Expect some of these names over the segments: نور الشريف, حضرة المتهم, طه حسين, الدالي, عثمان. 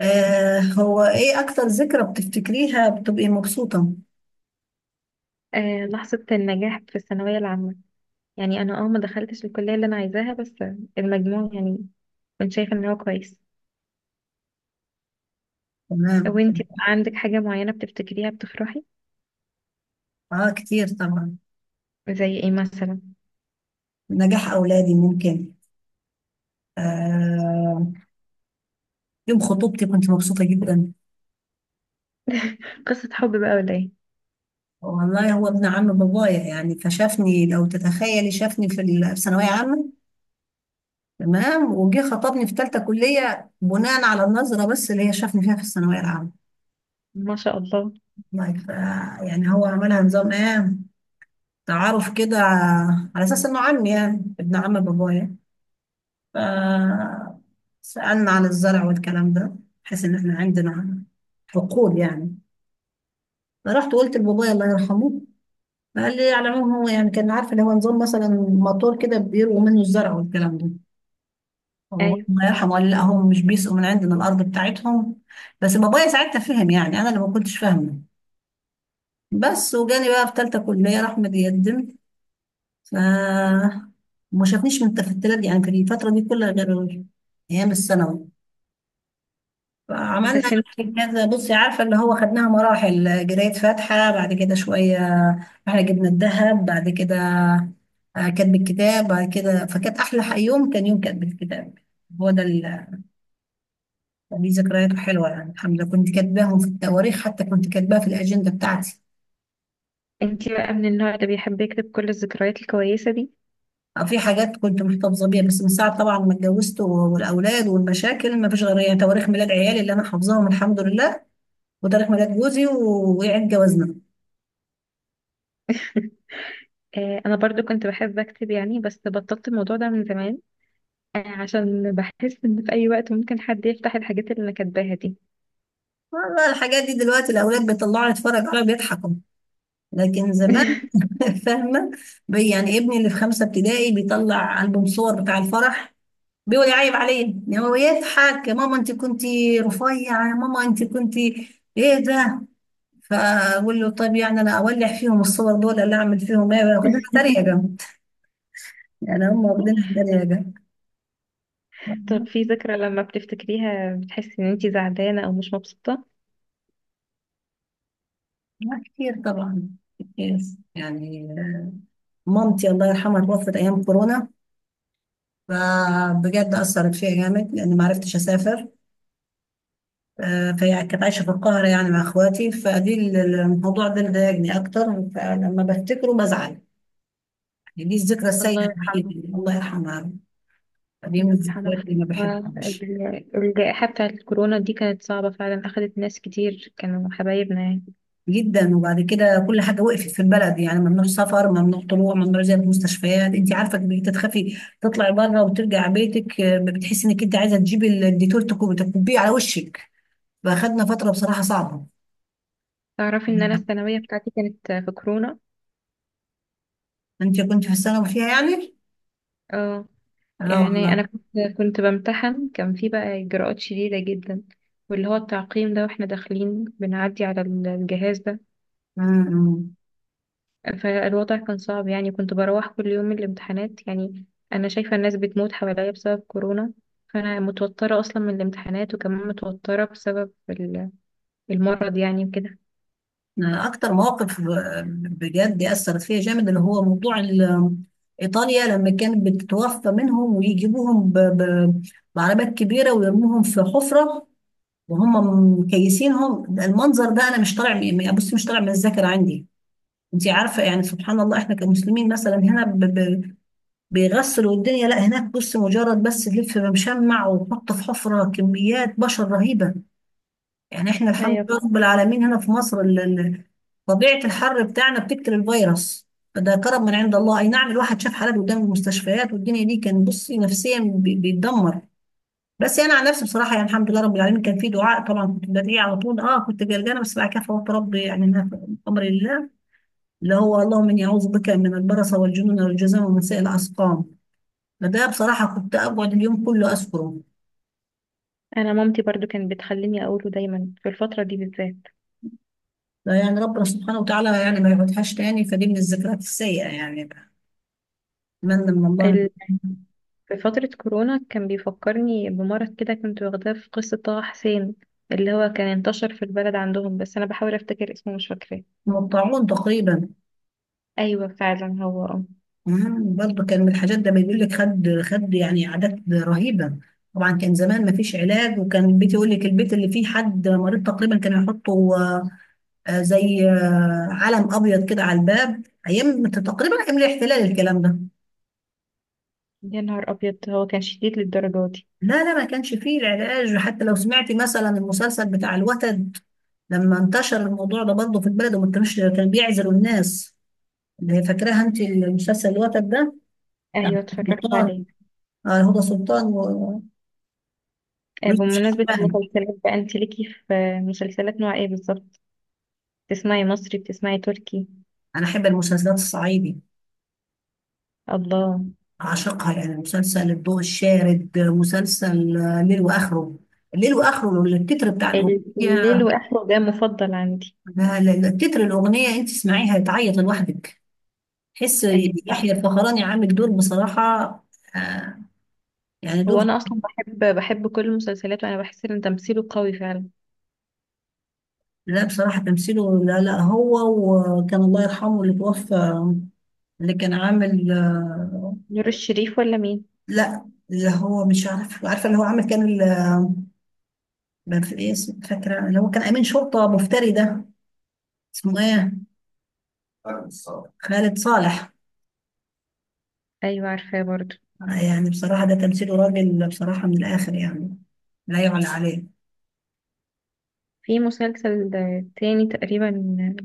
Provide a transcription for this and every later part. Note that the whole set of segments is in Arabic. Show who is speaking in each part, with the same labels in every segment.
Speaker 1: هو ايه اكتر ذكرى بتفتكريها بتبقي مبسوطة؟
Speaker 2: آه، لحظة النجاح في الثانوية العامة. يعني أنا ما دخلتش الكلية اللي أنا عايزاها، بس المجموع يعني كنت شايفة إن هو كويس.
Speaker 1: تمام.
Speaker 2: وانتي بقى عندك حاجة معينة بتفتكريها بتفرحي؟
Speaker 1: اه، كتير طبعا.
Speaker 2: زي ايه مثلا؟
Speaker 1: نجاح اولادي ممكن. آه. يوم خطوبتي كنت مبسوطة جدا.
Speaker 2: قصة حب بقى ولا ايه؟
Speaker 1: والله هو ابن عم بابايا، فشافني، لو تتخيلي، شافني في ثانوية عامة. تمام، وجه خطبني في ثالثة كلية بناء على النظرة بس اللي هي شافني فيها في الثانوية العامة.
Speaker 2: ما شاء الله.
Speaker 1: والله ف- يعني هو عملها نظام ايه، تعارف كده، على اساس انه عمي يعني ابن عم بابايا. فسألنا عن الزرع والكلام ده، بحيث إن إحنا عندنا حقول يعني. فرحت قلت لبابايا الله يرحمه، فقال لي على العموم هو يعني كان عارف اللي هو نظام مثلا موتور كده بيرووا منه الزرع والكلام ده. فبابايا
Speaker 2: أيوة.
Speaker 1: الله يرحمه قال لي لا، هم مش بيسقوا من عندنا الأرض بتاعتهم. بس بابايا ساعتها فهم، يعني أنا اللي ما كنتش فاهمة. بس وجالي بقى في تالتة كلية راح متقدم. ف ما شافنيش من التفتلات دي، يعني في الفترة دي كلها، غير أيام الثانوي. عملنا
Speaker 2: بس
Speaker 1: يعني
Speaker 2: انتي
Speaker 1: كذا، بصي، عارفه اللي هو خدناها مراحل، جرايه فاتحه بعد كده شويه، احنا جبنا الذهب بعد كده. كتب الكتاب بعد كده، فكانت احلى يوم كان يوم كتب الكتاب. هو ده اللي ليه ذكرياته حلوه. يعني الحمد لله كنت كاتباهم في التواريخ، حتى كنت كاتباها في الاجنده بتاعتي.
Speaker 2: انتي بقى من النوع اللي بيحب يكتب كل الذكريات الكويسة دي؟
Speaker 1: في حاجات كنت محتفظه بيها، بس من ساعه طبعا ما اتجوزت والاولاد والمشاكل، ما فيش غير يعني تواريخ ميلاد عيالي اللي انا حافظاهم الحمد لله، وتاريخ ميلاد جوزي وعيد جوازنا.
Speaker 2: آه، أنا برضو كنت بحب أكتب يعني، بس بطلت الموضوع ده من زمان، آه، عشان بحس إن في أي وقت ممكن حد يفتح الحاجات اللي أنا كاتباها دي.
Speaker 1: والله الحاجات دي دلوقتي الأولاد بيطلعوا يتفرج عليها بيضحكوا، لكن زمان… فاهمة. يعني ابني اللي في خمسة ابتدائي بيطلع ألبوم صور بتاع الفرح بيقول يعيب عليه، يعني هو يضحك: يا ماما انت كنتي رفيعة، يا ماما انت كنتي ايه ده! فأقول له طب يعني أنا أولع فيهم الصور دول ولا أعمل فيهم ايه؟ واخدينها تريقة جنب، يعني هم واخدينها تريقة جنب.
Speaker 2: طب في ذكرى لما بتفتكريها بتحسي ان انتي زعلانة او مش مبسوطة؟
Speaker 1: كتير طبعا، كتير. يعني مامتي الله يرحمها توفت أيام كورونا، فبجد أثرت فيا جامد لأن ما عرفتش أسافر. فهي كانت عايشة في القاهرة يعني مع إخواتي، فدي الموضوع ده اللي ضايقني أكتر. فلما بفتكره بزعل، يعني دي الذكرى السيئة
Speaker 2: الله
Speaker 1: الوحيدة،
Speaker 2: يرحمه.
Speaker 1: اللي الله يرحمها. دي من
Speaker 2: الله يرحمه.
Speaker 1: الذكريات اللي ما بحبهاش.
Speaker 2: الجائحة بتاعة الكورونا دي كانت صعبة فعلا، أخدت ناس كتير كانوا حبايبنا يعني.
Speaker 1: جدا. وبعد كده كل حاجة وقفت في البلد، يعني ممنوع سفر، ممنوع طلوع، ممنوع زيارة مستشفيات. أنت عارفة، بقيت تخافي تطلعي بره وترجع بيتك، آه، بتحسي إنك أنت عايزة تجيبي الديتول تكبيه على وشك. فأخدنا فترة بصراحة صعبة.
Speaker 2: تعرفي إن أنا الثانوية بتاعتي كانت في كورونا؟
Speaker 1: انت كنت في الثانوي فيها يعني؟
Speaker 2: اه،
Speaker 1: لا
Speaker 2: يعني
Speaker 1: والله.
Speaker 2: أنا كنت بمتحن، كان في بقى إجراءات شديدة جدا، واللي هو التعقيم ده واحنا داخلين بنعدي على الجهاز ده.
Speaker 1: امم.
Speaker 2: فالوضع كان صعب يعني، كنت بروح كل يوم من الامتحانات يعني أنا شايفة الناس بتموت حواليا بسبب كورونا، فأنا متوترة أصلا من الامتحانات، وكمان متوترة بسبب المرض يعني وكده.
Speaker 1: أنا اكتر مواقف آه، بجد اثرت فيها جامد اللي هو موضوع ايطاليا لما كانت بتتوفى منهم ويجيبوهم بعربات كبيره ويرموهم في حفره، وهم مكيسينهم. ده المنظر ده انا مش بصي مش طالع من الذاكره عندي. انت عارفه يعني سبحان الله، احنا كمسلمين مثلا هنا بيغسلوا الدنيا. لا، هناك بص مجرد بس تلف بمشمع وتحط في حفره، كميات بشر رهيبه. يعني احنا الحمد
Speaker 2: أيوة
Speaker 1: لله
Speaker 2: فعلا.
Speaker 1: رب العالمين هنا في مصر طبيعة الحر بتاعنا بتقتل الفيروس، فده كرم من عند الله. اي نعم الواحد شاف حالات قدام المستشفيات، والدنيا دي كان بصي نفسيا بيتدمر. بس انا عن نفسي بصراحة يعني الحمد لله رب العالمين، كان في دعاء طبعا كنت بدعي على طول. اه كنت قلقانة، بس بعد كده فوت ربي يعني إنها في امر الله. اللي هو: اللهم اني اعوذ بك من البرص والجنون والجذام ومن سائر الاسقام. فده بصراحة كنت اقعد اليوم كله اذكره.
Speaker 2: أنا مامتي برضو كانت بتخليني أقوله دايما في الفترة دي بالذات.
Speaker 1: لا، يعني ربنا سبحانه وتعالى يعني ما يقعدهاش تاني. فدي من الذكريات السيئة يعني. اتمنى من الله
Speaker 2: ال-
Speaker 1: إن-
Speaker 2: في فترة كورونا كان بيفكرني بمرض كده كنت واخداه في قصة طه حسين، اللي هو كان انتشر في البلد عندهم، بس أنا بحاول أفتكر اسمه مش فاكراه.
Speaker 1: من الطاعون تقريبا.
Speaker 2: أيوة فعلا هو آه.
Speaker 1: مم، برضه كان من الحاجات ده بيقول لك خد خد، يعني اعداد رهيبه. طبعا كان زمان ما فيش علاج، وكان بيتي يقول لك البيت اللي فيه حد مريض تقريبا كانوا يحطوا زي علم ابيض كده على الباب. ايام تقريبا ايام الاحتلال الكلام ده.
Speaker 2: يا نهار أبيض، هو كان شديد للدرجة دي؟
Speaker 1: لا لا، ما كانش فيه العلاج. حتى لو سمعتي مثلا المسلسل بتاع الوتد، لما انتشر الموضوع ده برضه في البلد وما كانوش، كان بيعزلوا الناس. اللي هي فاكراها انت، المسلسل الوتد ده،
Speaker 2: ايوه اتفرجت
Speaker 1: بتاع
Speaker 2: عليه.
Speaker 1: هدى سلطان
Speaker 2: آه،
Speaker 1: ويوسف
Speaker 2: بمناسبة
Speaker 1: شعبان.
Speaker 2: المسلسلات بقى، انت ليكي في مسلسلات نوع ايه بالظبط؟ بتسمعي مصري، بتسمعي تركي؟
Speaker 1: أنا أحب المسلسلات الصعيدي،
Speaker 2: الله.
Speaker 1: أعشقها. يعني مسلسل الضوء الشارد، مسلسل ليل وآخره. ليل وآخره التتر بتاع
Speaker 2: الليل
Speaker 1: الأغنية،
Speaker 2: واخره ده مفضل عندي.
Speaker 1: لا- لا- لا، التتر الأغنية أنت تسمعيها تعيط لوحدك، تحس.
Speaker 2: ايوه.
Speaker 1: يحيى الفخراني عامل دور بصراحة، آه، يعني
Speaker 2: هو
Speaker 1: دور…
Speaker 2: انا اصلا بحب كل المسلسلات، وانا بحس ان تمثيله قوي فعلا.
Speaker 1: لا بصراحة تمثيله، لا لا، هو. وكان الله يرحمه اللي توفى، اللي كان عامل آه…
Speaker 2: نور الشريف ولا مين؟
Speaker 1: لا اللي هو مش عارف، عارفة اللي هو عامل، كان ما في ايه فاكره اللي هو كان امين شرطه مفتري ده، اسمه ايه، خالد صالح.
Speaker 2: ايوه عارفاه برضو.
Speaker 1: يعني بصراحه ده تمثيله راجل بصراحه من الاخر يعني، لا يعلى عليه.
Speaker 2: في مسلسل آه، تاني تقريبا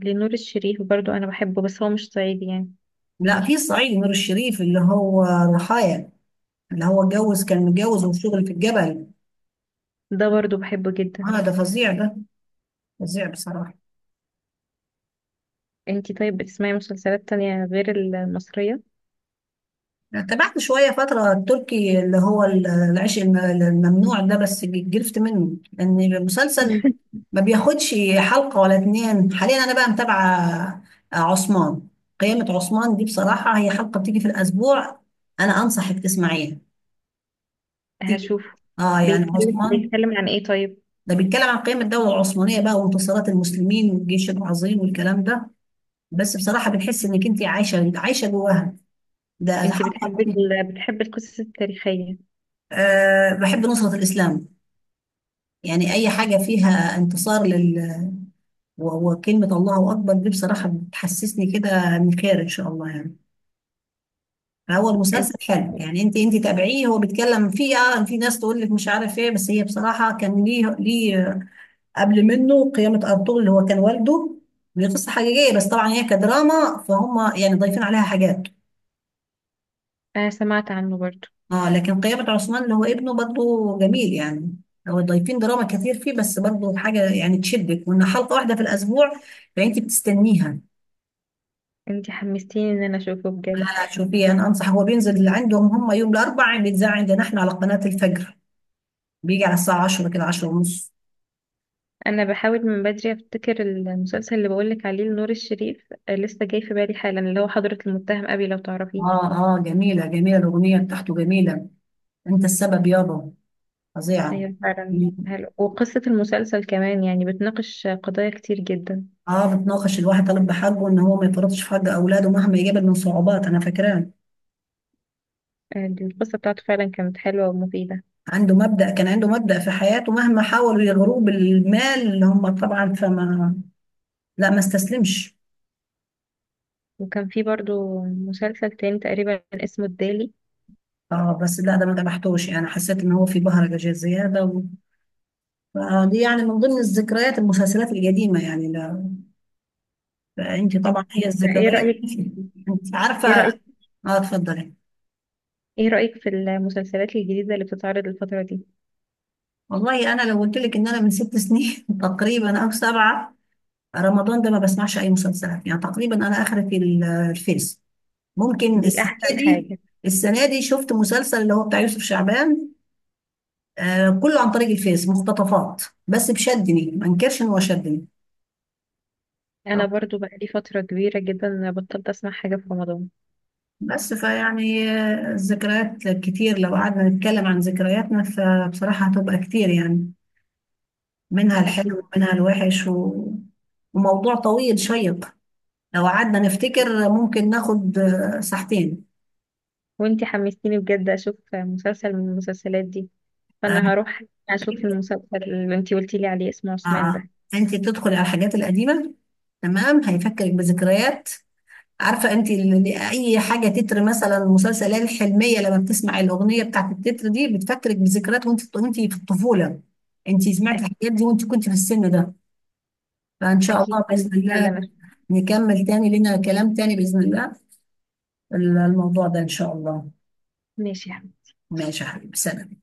Speaker 2: لنور الشريف، برضو انا بحبه، بس هو مش صعيدي يعني.
Speaker 1: لا في الصعيدي نور الشريف اللي هو ضحايا، اللي هو اتجوز، كان متجوز وشغل في الجبل.
Speaker 2: ده برضو بحبه جدا.
Speaker 1: اه ده فظيع ده، فظيع بصراحه.
Speaker 2: انتي طيب بتسمعي مسلسلات تانية غير المصرية؟
Speaker 1: تابعت شوية فترة التركي اللي هو العيش الممنوع ده، بس جلفت منه لأن المسلسل ما بياخدش حلقة ولا اتنين. حاليا أنا بقى متابعة عثمان، قيامة عثمان دي. بصراحة هي حلقة بتيجي في الأسبوع، أنا أنصحك تسمعيها، تيجي
Speaker 2: هشوفه.
Speaker 1: آه يعني.
Speaker 2: بيتكلم
Speaker 1: عثمان
Speaker 2: بيتكلم عن ايه طيب؟
Speaker 1: ده بيتكلم عن قيام الدولة العثمانية بقى، وانتصارات المسلمين والجيش العظيم والكلام ده. بس بصراحة بتحس إنك أنت عايشة جواها. ده
Speaker 2: انت
Speaker 1: حلقة.
Speaker 2: بتحبي بتحبي القصص التاريخية؟
Speaker 1: آه بحب نصرة الإسلام، يعني اي حاجه فيها انتصار لل… وكلمه الله اكبر دي بصراحه بتحسسني كده من خير ان شاء الله يعني. فهو
Speaker 2: انت،
Speaker 1: المسلسل حلو يعني، انت تابعيه. هو بيتكلم فيه اه، في ناس تقول لك مش عارف ايه، بس هي بصراحه كان ليه ليه قبل منه قيامه ارطغرل اللي هو كان والده. دي قصه حقيقيه بس طبعا هي كدراما، فهم يعني ضايفين عليها حاجات.
Speaker 2: انا سمعت عنه برضو.
Speaker 1: اه لكن قيامه عثمان اللي هو ابنه برضه جميل يعني. هو ضايفين دراما كتير فيه، بس برضه حاجه يعني تشدك، وان حلقه واحده في الاسبوع فانت بتستنيها.
Speaker 2: انت حمستيني ان انا اشوفه بجد.
Speaker 1: شوفي انا انصح، هو بينزل عندهم هم يوم الاربعاء، بيتذاع عندنا احنا على قناة الفجر، بيجي على الساعة 10 كده، 10 ونص.
Speaker 2: انا بحاول من بدري افتكر المسلسل اللي بقولك عليه لنور الشريف، آه، لسه جاي في بالي حالا، اللي هو حضرة المتهم ابي، لو تعرفيه.
Speaker 1: اه اه، جميلة جميلة، الأغنية بتاعته جميلة، انت السبب يابا، فظيعة.
Speaker 2: ايوه
Speaker 1: مم.
Speaker 2: فعلا حلو، وقصة المسلسل كمان يعني بتناقش قضايا كتير جدا.
Speaker 1: اه بتناقش الواحد طالب بحقه ان هو ما يفرطش في حق اولاده مهما يقابل من صعوبات، انا فاكراه.
Speaker 2: آه، دي القصة بتاعته فعلا كانت حلوة ومفيدة.
Speaker 1: عنده مبدأ، كان عنده مبدأ في حياته، مهما حاولوا يغروه بالمال اللي هم طبعا فما… لا ما استسلمش.
Speaker 2: وكان في برضو مسلسل تاني تقريبا اسمه الدالي.
Speaker 1: اه بس لا، ده ما تبعتوش، يعني حسيت ان هو في بهرجة زيادة. دي يعني من ضمن الذكريات المسلسلات القديمة، يعني لا. فأنت
Speaker 2: انت،
Speaker 1: طبعا هي
Speaker 2: ايه
Speaker 1: الذكريات.
Speaker 2: رأيك،
Speaker 1: أنت عارفة.
Speaker 2: ايه رأيك،
Speaker 1: اه اتفضلي.
Speaker 2: ايه رأيك في المسلسلات الجديدة اللي بتتعرض الفترة دي؟
Speaker 1: والله أنا لو قلت لك إن أنا من ست سنين تقريبا أو سبعة، رمضان ده ما بسمعش أي مسلسلات يعني تقريبا. أنا آخرة في الفيس. ممكن
Speaker 2: دي
Speaker 1: السنة
Speaker 2: احسن
Speaker 1: دي
Speaker 2: حاجة.
Speaker 1: السنة دي شفت مسلسل اللي هو بتاع يوسف شعبان، آه كله عن طريق الفيس مقتطفات، بس بشدني، ما انكرش إن هو شدني.
Speaker 2: انا برضو بقالي فترة كبيرة جدا انا بطلت اسمع حاجة في رمضان.
Speaker 1: بس فيعني آه، الذكريات كتير، لو قعدنا نتكلم عن ذكرياتنا فبصراحة هتبقى كتير يعني، منها
Speaker 2: اكيد.
Speaker 1: الحلو ومنها الوحش، و... وموضوع طويل شيق. لو قعدنا نفتكر ممكن ناخد ساعتين.
Speaker 2: وانتي حمستيني بجد اشوف مسلسل من المسلسلات دي،
Speaker 1: آه،
Speaker 2: فانا هروح اشوف المسلسل اللي انتي قلتي لي عليه اسمه عثمان
Speaker 1: آه،
Speaker 2: ده.
Speaker 1: انت تدخلي على الحاجات القديمة، تمام، هيفكرك بذكريات. عارفه انت اي حاجه تتر مثلا المسلسلات الحلميه، لما بتسمع الاغنيه بتاعت التتر دي بتفكرك بذكريات وانت في الطفوله، انت سمعت
Speaker 2: أك-
Speaker 1: الحاجات دي وانت كنت في السن ده. فان شاء
Speaker 2: اكيد
Speaker 1: الله باذن الله
Speaker 2: فعلا.
Speaker 1: نكمل تاني، لنا كلام تاني باذن الله، الموضوع ده ان شاء الله.
Speaker 2: ماشي.
Speaker 1: ماشي يا حبيبي، سلام.